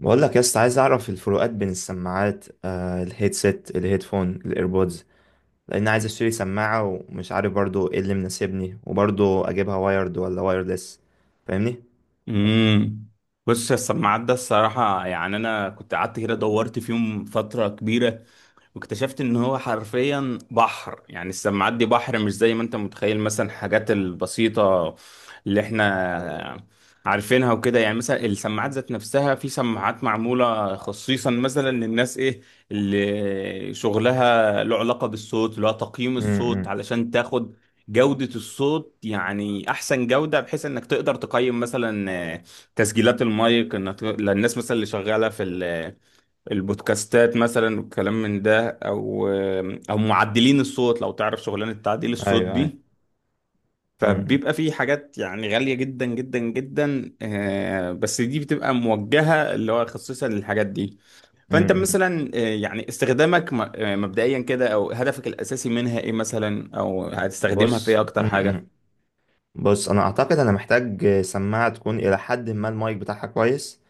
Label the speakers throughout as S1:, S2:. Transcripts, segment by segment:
S1: بقول لك يا اسطى، عايز اعرف الفروقات بين السماعات الهيدسيت الهيدفون الايربودز. لان عايز اشتري سماعه ومش عارف برضو ايه اللي مناسبني، وبرضو اجيبها وايرد ولا وايرلس؟ فاهمني؟
S2: امم بص يا السماعات ده الصراحة، يعني أنا كنت قعدت كده دورت فيهم فترة كبيرة واكتشفت إن هو حرفيا بحر. يعني السماعات دي بحر، مش زي ما أنت متخيل، مثلا الحاجات البسيطة اللي إحنا عارفينها وكده. يعني مثلا السماعات ذات نفسها، في سماعات معمولة خصيصا مثلا للناس، إيه، اللي شغلها له علاقة بالصوت، اللي هو تقييم الصوت،
S1: امم.
S2: علشان تاخد جودة الصوت، يعني أحسن جودة، بحيث إنك تقدر تقيم مثلا تسجيلات المايك، إنك للناس مثلا اللي شغالة في البودكاستات مثلا والكلام من ده، أو معدلين الصوت، لو تعرف شغلانة تعديل الصوت
S1: ايوه، ايوه.
S2: دي.
S1: امم.
S2: فبيبقى في حاجات يعني غالية جدا جدا جدا، بس دي بتبقى موجهة اللي هو خصيصا للحاجات دي. فأنت
S1: امم.
S2: مثلا، يعني استخدامك مبدئيا كده، أو هدفك الأساسي منها إيه مثلا، أو هتستخدمها في
S1: بص
S2: إيه أكتر
S1: م-
S2: حاجة؟
S1: م. بص انا اعتقد انا محتاج سماعه تكون الى حد ما المايك بتاعها كويس،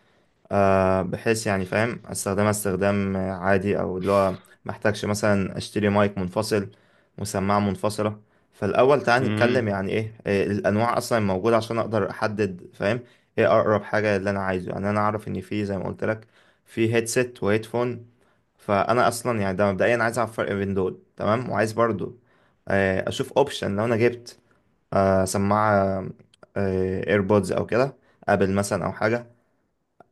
S1: بحيث يعني فاهم استخدمها استخدام عادي، او اللي هو محتاجش مثلا اشتري مايك منفصل وسماعة منفصلة. فالاول تعال نتكلم
S2: امم
S1: يعني ايه الانواع اصلا موجودة، عشان اقدر احدد فاهم ايه اقرب حاجة اللي انا عايزه. يعني انا اعرف ان في زي ما قلت لك، في هيدسيت وهيدفون، فانا اصلا يعني ده مبدئيا عايز اعرف الفرق بين دول، تمام. وعايز برضو اشوف اوبشن لو انا جبت سماعة ايربودز او كده، ابل مثلا او حاجة،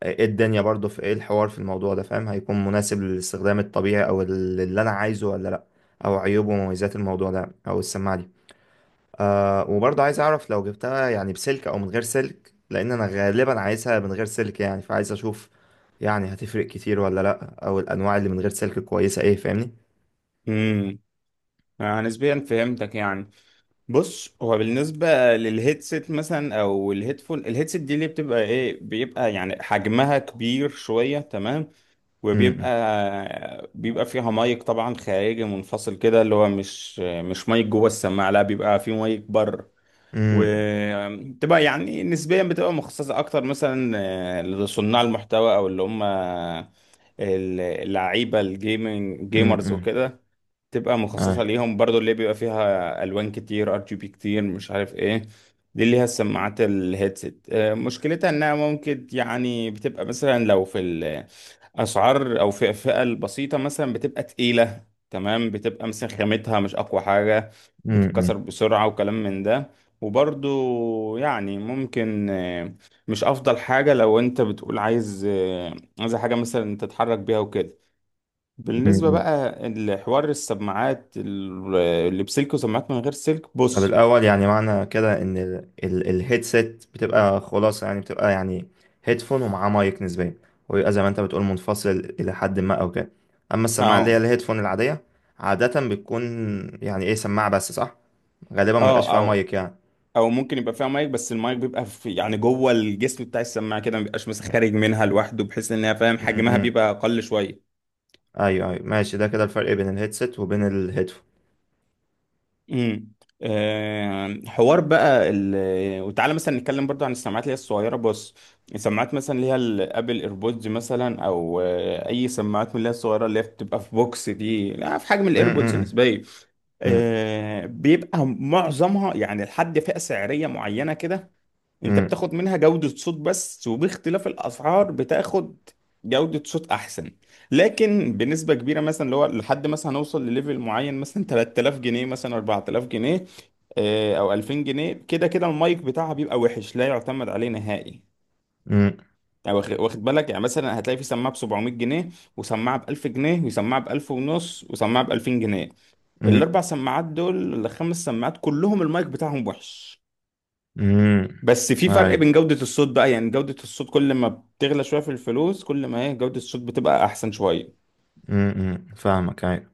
S1: ايه الدنيا برضو، في ايه الحوار في الموضوع ده، فاهم هيكون مناسب للاستخدام الطبيعي او اللي انا عايزه ولا لا، او عيوب ومميزات الموضوع ده او السماعة دي. آه وبرضو عايز اعرف لو جبتها يعني بسلك او من غير سلك، لان انا غالبا عايزها من غير سلك، يعني فعايز اشوف يعني هتفرق كتير ولا لا، او الانواع اللي من غير سلك كويسة ايه، فاهمني؟
S2: امم آه، نسبيا فهمتك يعني. بص، هو بالنسبه للهيدسيت مثلا او الهيدفون، الهيدسيت دي اللي بتبقى ايه، بيبقى يعني حجمها كبير شويه، تمام،
S1: امم.
S2: وبيبقى بيبقى فيها مايك طبعا خارجي منفصل كده، اللي هو مش مايك جوه السماعه، لا بيبقى فيه مايك بره.
S1: امم.
S2: وتبقى يعني نسبيا بتبقى مخصصه اكتر مثلا لصناع المحتوى، او اللي هم اللعيبه، الجيمنج، جيمرز وكده، تبقى مخصصة
S1: امم.
S2: ليهم، برضو اللي بيبقى فيها ألوان كتير، RGB كتير، مش عارف ايه. دي اللي هي السماعات الهيدسет، مشكلتها انها ممكن يعني بتبقى مثلا لو في الأسعار أو في الفئة البسيطة مثلا بتبقى تقيلة، تمام، بتبقى مثلا خامتها مش أقوى حاجة، بتتكسر بسرعة، وكلام من ده. وبرضو يعني ممكن، مش أفضل حاجة لو أنت بتقول عايز حاجة مثلا تتحرك بيها وكده. بالنسبة
S1: امم.
S2: بقى لحوار السماعات اللي بسلك وسماعات من غير سلك،
S1: طب
S2: بص.
S1: الأول يعني معنى كده إن الهيدسيت بتبقى خلاص، يعني بتبقى يعني هيدفون ومعاه مايك نسبيا، ويبقى زي ما أنت بتقول منفصل إلى حد ما أو كده. أما السماعة اللي هي
S2: اه،
S1: الهيدفون العادية، عادة بتكون يعني إيه سماعة بس، صح؟ غالبا ما بيبقاش
S2: اه،
S1: فيها
S2: او
S1: مايك يعني.
S2: او ممكن يبقى فيها مايك، بس المايك بيبقى في يعني جوه الجسم بتاع السماعة كده، ما بيبقاش مثلا خارج منها لوحده، بحيث انها، فاهم، حجمها
S1: م-م.
S2: بيبقى اقل شوية.
S1: أيوه، أيوه، ماشي، ده كده الفرق بين الهيدسيت وبين الهيدفون.
S2: امم حوار بقى وتعالى مثلا نتكلم برضو عن السماعات اللي هي الصغيره. بص، السماعات مثلا اللي هي الابل ايربودز مثلا، او اي سماعات من اللي هي الصغيره، اللي هي بتبقى في بوكس، دي لا في حجم الايربودز
S1: م-م.
S2: نسبيا، بيبقى معظمها يعني لحد فئه سعريه معينه كده، انت
S1: م-م.
S2: بتاخد منها جودة صوت بس، وباختلاف الاسعار بتاخد جودة صوت احسن. لكن بنسبة كبيرة، مثلا اللي هو لحد مثلا هنوصل لليفل معين مثلا 3000 جنيه مثلا 4000 جنيه، او 2000 جنيه، كده كده المايك بتاعها بيبقى وحش، لا يعتمد عليه نهائي.
S1: م-م.
S2: يعني واخد بالك، يعني مثلا هتلاقي في سماعة ب 700 جنيه، وسماعة ب 1000 جنيه، وسماعة ب 1000 ونص، وسماعة ب 2000 جنيه، الاربع سماعات دول، الخمس سماعات، كلهم المايك بتاعهم وحش.
S1: م-م.
S2: بس في فرق
S1: أيوه.
S2: بين جودة الصوت بقى، يعني جودة الصوت كل ما بتغلى شوية في الفلوس، كل ما ايه، جودة الصوت بتبقى أحسن شوية.
S1: م-م. فاهمك، أيوه.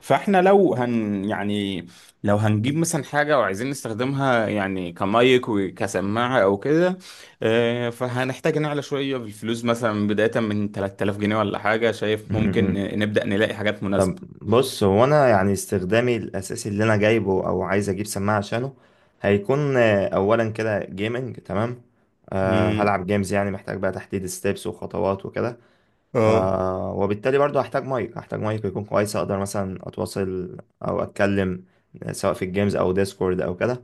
S2: فاحنا لو هن يعني لو هنجيب مثلا حاجة وعايزين نستخدمها يعني كمايك وكسماعة أو كده، فهنحتاج نعلى شوية في الفلوس، مثلا بداية من 3000 جنيه ولا حاجة، شايف ممكن
S1: م-م.
S2: نبدأ نلاقي حاجات مناسبة.
S1: بص هو انا يعني استخدامي الاساسي اللي انا جايبه او عايز اجيب سماعه عشانه هيكون اولا كده جيمنج، تمام. أه
S2: مم.
S1: هلعب جيمز، يعني محتاج بقى تحديد ستيبس وخطوات وكده.
S2: اه.
S1: أه وبالتالي برضو هحتاج مايك يكون كويس اقدر مثلا اتواصل او اتكلم، سواء في الجيمز او ديسكورد او كده.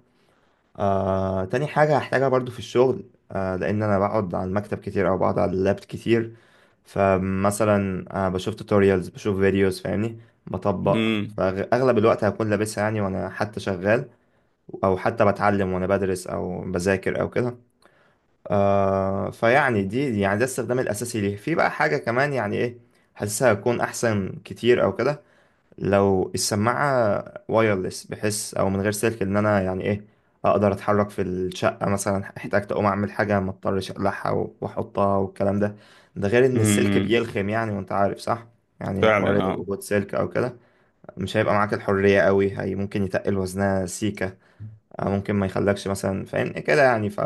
S1: تاني حاجة هحتاجها برضو في الشغل، لأن أنا بقعد على المكتب كتير أو بقعد على اللاب كتير، فمثلا بشوف توتوريالز، بشوف فيديوز فاهمني، بطبق.
S2: مم.
S1: فأغلب الوقت هكون لابسها يعني وأنا حتى شغال، أو حتى بتعلم وأنا بدرس أو بذاكر أو كده. فيعني دي يعني ده الاستخدام الأساسي ليه. في بقى حاجة كمان يعني إيه، حاسسها هتكون أحسن كتير أو كده، لو السماعة وايرلس، بحس او من غير سلك ان انا يعني ايه اقدر اتحرك في الشقة، مثلا احتاجت اقوم اعمل حاجة ما اضطرش اقلعها واحطها والكلام ده. ده غير ان السلك
S2: مم.
S1: بيلخم يعني، وانت عارف، صح؟ يعني حوار
S2: فعلا، اه.
S1: وجود سلك او كده، مش هيبقى معاك الحرية قوي، هي ممكن يتقل وزنها سيكة، ممكن ما يخلكش مثلا فاهم كده، يعني ف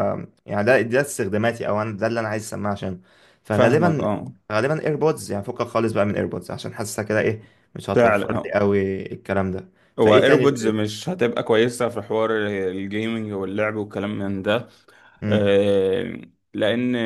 S1: يعني ده استخداماتي، او انا ده اللي انا عايز اسمعها عشان.
S2: فاهمك،
S1: فغالبا،
S2: اه.
S1: ايربودز يعني فكك خالص بقى من ايربودز، عشان حاسسها كده ايه مش هتوفر
S2: فعلا،
S1: لي
S2: اه.
S1: قوي الكلام ده.
S2: هو
S1: فايه تاني
S2: ايربودز
S1: غير-.
S2: مش هتبقى كويسة في حوار الجيمنج واللعب والكلام من ده،
S1: مم.
S2: آه، لان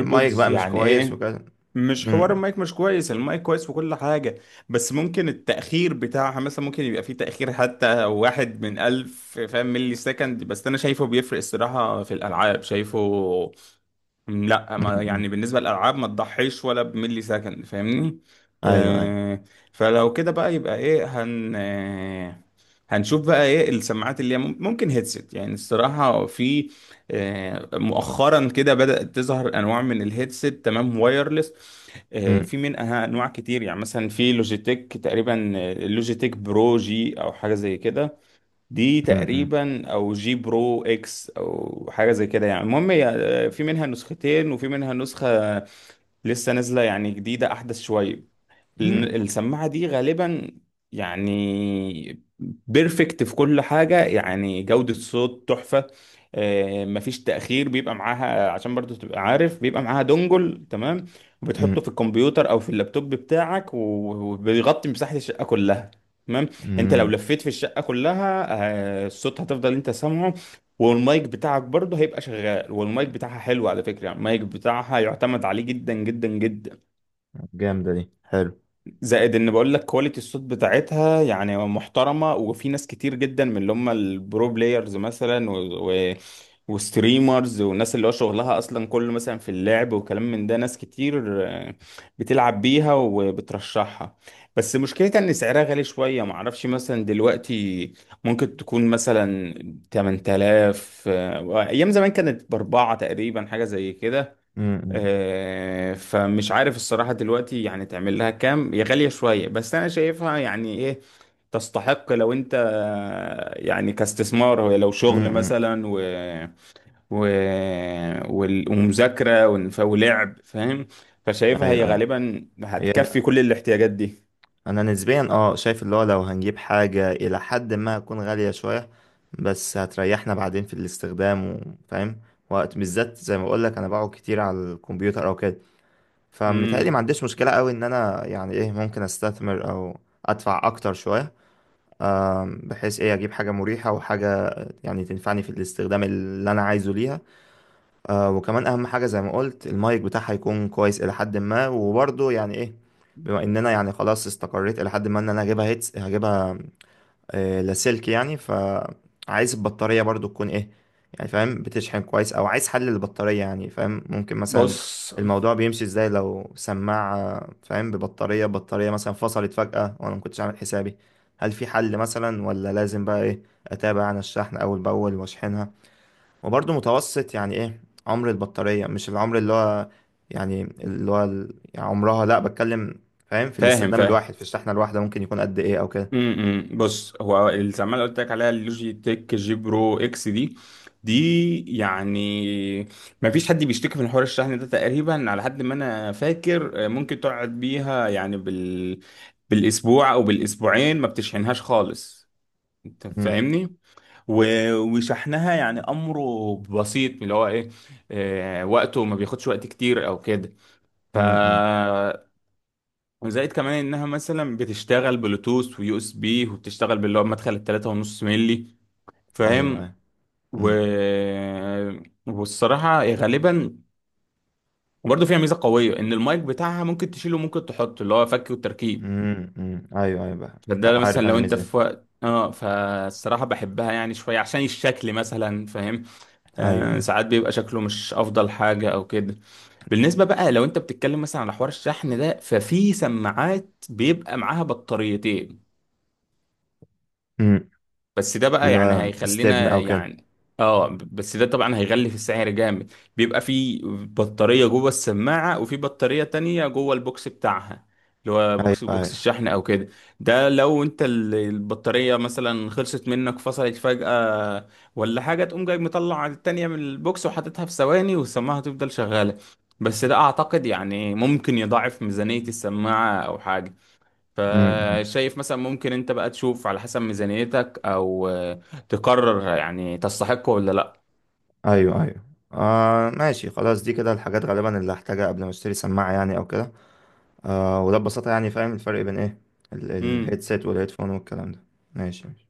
S1: المايك بقى مش
S2: يعني
S1: كويس
S2: ايه،
S1: وكده.
S2: مش حوار
S1: مم.
S2: المايك مش كويس، المايك كويس وكل حاجة، بس ممكن التأخير بتاعها، مثلا ممكن يبقى فيه تأخير حتى واحد من ألف، فاهم، ملي سكند، بس أنا شايفه بيفرق الصراحة في الألعاب، شايفه. لا، ما
S1: مم.
S2: يعني بالنسبة للألعاب ما تضحيش ولا بملي سكند، فاهمني؟
S1: ايوه، ايوه.
S2: آه فلو كده بقى، يبقى ايه، هن آه هنشوف بقى ايه السماعات اللي هي ممكن هيدسيت. يعني الصراحة في مؤخرا كده بدأت تظهر انواع من الهيدسيت، تمام، وايرلس.
S1: مم.
S2: في منها انواع كتير، يعني مثلا في لوجيتك، تقريبا لوجيتك برو جي او حاجه زي كده، دي
S1: مم.
S2: تقريبا او جي برو اكس او حاجه زي كده، يعني المهم هي، آه، في منها نسختين وفي منها نسخه لسه نازله، يعني جديده احدث شويه. لأن
S1: مم.
S2: السماعة دي غالبا، يعني بيرفكت في كل حاجة، يعني جودة صوت تحفة، مفيش تأخير بيبقى معاها، عشان برضو تبقى عارف بيبقى معاها دونجل، تمام،
S1: مم.
S2: وبتحطه في الكمبيوتر أو في اللابتوب بتاعك، وبيغطي مساحة الشقة كلها، تمام. انت لو
S1: مم.
S2: لفيت في الشقة كلها، الصوت هتفضل انت سامعه، والمايك بتاعك برضه هيبقى شغال، والمايك بتاعها حلو على فكرة، يعني المايك بتاعها يعتمد عليه جدا جدا جدا.
S1: جامدة دي، حلو.
S2: زائد، ان بقول لك كواليتي الصوت بتاعتها يعني محترمه، وفي ناس كتير جدا من اللي هم البرو بلايرز مثلا، و... وستريمرز، والناس اللي هو شغلها اصلا كله مثلا في اللعب وكلام من ده، ناس كتير بتلعب بيها وبترشحها. بس مشكلتها ان سعرها غالي شويه، معرفش مثلا دلوقتي ممكن تكون مثلا 8000، ايام زمان كانت باربعه تقريبا، حاجه زي كده،
S1: مم.
S2: فمش عارف الصراحة دلوقتي يعني تعمل لها كام، هي غالية شوية، بس أنا شايفها يعني إيه، تستحق لو أنت يعني كاستثمار، هو لو
S1: مم.
S2: شغل
S1: مم.
S2: مثلا و... ومذاكرة ولعب، فاهم، فشايفها هي
S1: ايوه، ايوه.
S2: غالبا
S1: هي،
S2: هتكفي كل الاحتياجات دي.
S1: انا نسبيا اه شايف اللي هو لو هنجيب حاجة الى حد ما هتكون غالية شوية، بس هتريحنا بعدين في الاستخدام. وفاهم وقت بالذات زي ما بقول لك انا بقعد كتير على الكمبيوتر او كده، فمتهيألي ما
S2: مم.
S1: عنديش مشكلة قوي ان انا يعني ايه ممكن استثمر او ادفع اكتر شوية، بحيث ايه اجيب حاجة مريحة، وحاجة يعني تنفعني في الاستخدام اللي انا عايزه ليها. آه وكمان اهم حاجه زي ما قلت، المايك بتاعها هيكون كويس الى حد ما، وبرضه يعني ايه بما اننا يعني خلاص استقريت الى حد ما ان انا هجيبها، هيتس هجيبها آه لاسلكي يعني، فعايز البطاريه برضه تكون ايه، يعني فاهم بتشحن كويس. او عايز حل للبطاريه، يعني فاهم ممكن مثلا
S2: بص،
S1: الموضوع بيمشي ازاي لو سماعه فاهم بطاريه مثلا فصلت فجاه وانا ما كنتش عامل حسابي، هل في حل مثلا ولا لازم بقى ايه اتابع انا الشحن اول باول واشحنها. وبرضه متوسط يعني ايه عمر البطارية، مش العمر اللي هو يعني اللي هو يعني عمرها، لا بتكلم فاهم في
S2: فاهم
S1: الاستخدام
S2: فاهم.
S1: الواحد في الشحنة الواحدة ممكن يكون قد ايه او كده.
S2: بص، هو السماعه اللي قلت لك عليها، اللوجي تك جي برو اكس دي يعني ما فيش حد بيشتكي من حوار الشحن ده تقريبا على حد ما انا فاكر، ممكن تقعد بيها يعني بالاسبوع او بالاسبوعين ما بتشحنهاش خالص، انت
S1: أمم،
S2: فاهمني، وشحنها يعني امره بسيط اللي هو ايه، وقته ما بياخدش وقت كتير او كده. ف
S1: أمم، أمم.
S2: وزائد كمان انها مثلا بتشتغل بلوتوث ويو اس بي، وبتشتغل باللي هو مدخل 3.5 ملي،
S1: ايوه،
S2: فاهم،
S1: ايوه.
S2: و...
S1: أمم،
S2: والصراحة هي غالبا وبرضه فيها ميزة قوية، ان المايك بتاعها ممكن تشيله وممكن تحطه اللي هو فك والتركيب.
S1: أمم، أمم. ايوه، ايوه بقى.
S2: فده مثلا
S1: عارف انا
S2: لو انت في
S1: ميزة.
S2: وقت فالصراحة بحبها يعني شوية عشان الشكل مثلا، فاهم،
S1: ايوه، ايوه.
S2: ساعات بيبقى شكله مش افضل حاجة او كده. بالنسبة بقى لو انت بتتكلم مثلا على حوار الشحن ده، ففي سماعات بيبقى معاها بطاريتين،
S1: أمم.
S2: بس ده بقى
S1: اللي
S2: يعني
S1: هو استبن
S2: هيخلينا
S1: او كده.
S2: بس ده طبعا هيغلي في السعر جامد، بيبقى في بطارية جوه السماعة وفي بطارية تانية جوه البوكس بتاعها، اللي هو
S1: ايوه،
S2: بوكس
S1: ايوه.
S2: الشحن او كده. ده لو انت البطارية مثلا خلصت منك فصلت فجأة ولا حاجة، تقوم جاي مطلع التانية من البوكس وحاططها في ثواني، والسماعة هتفضل شغالة. بس ده اعتقد يعني ممكن يضاعف ميزانية السماعة او حاجة،
S1: أمم، أمم.
S2: فشايف مثلا ممكن انت بقى تشوف على حسب ميزانيتك، او تقرر يعني تستحقه ولا لا
S1: ايوه، ايوه. آه ماشي خلاص، دي كده الحاجات غالبا اللي هحتاجها قبل ما اشتري سماعة يعني او كده. آه وده ببساطة يعني فاهم الفرق بين ايه
S2: امم
S1: الهيدسيت والهيدفون والكلام ده. ماشي.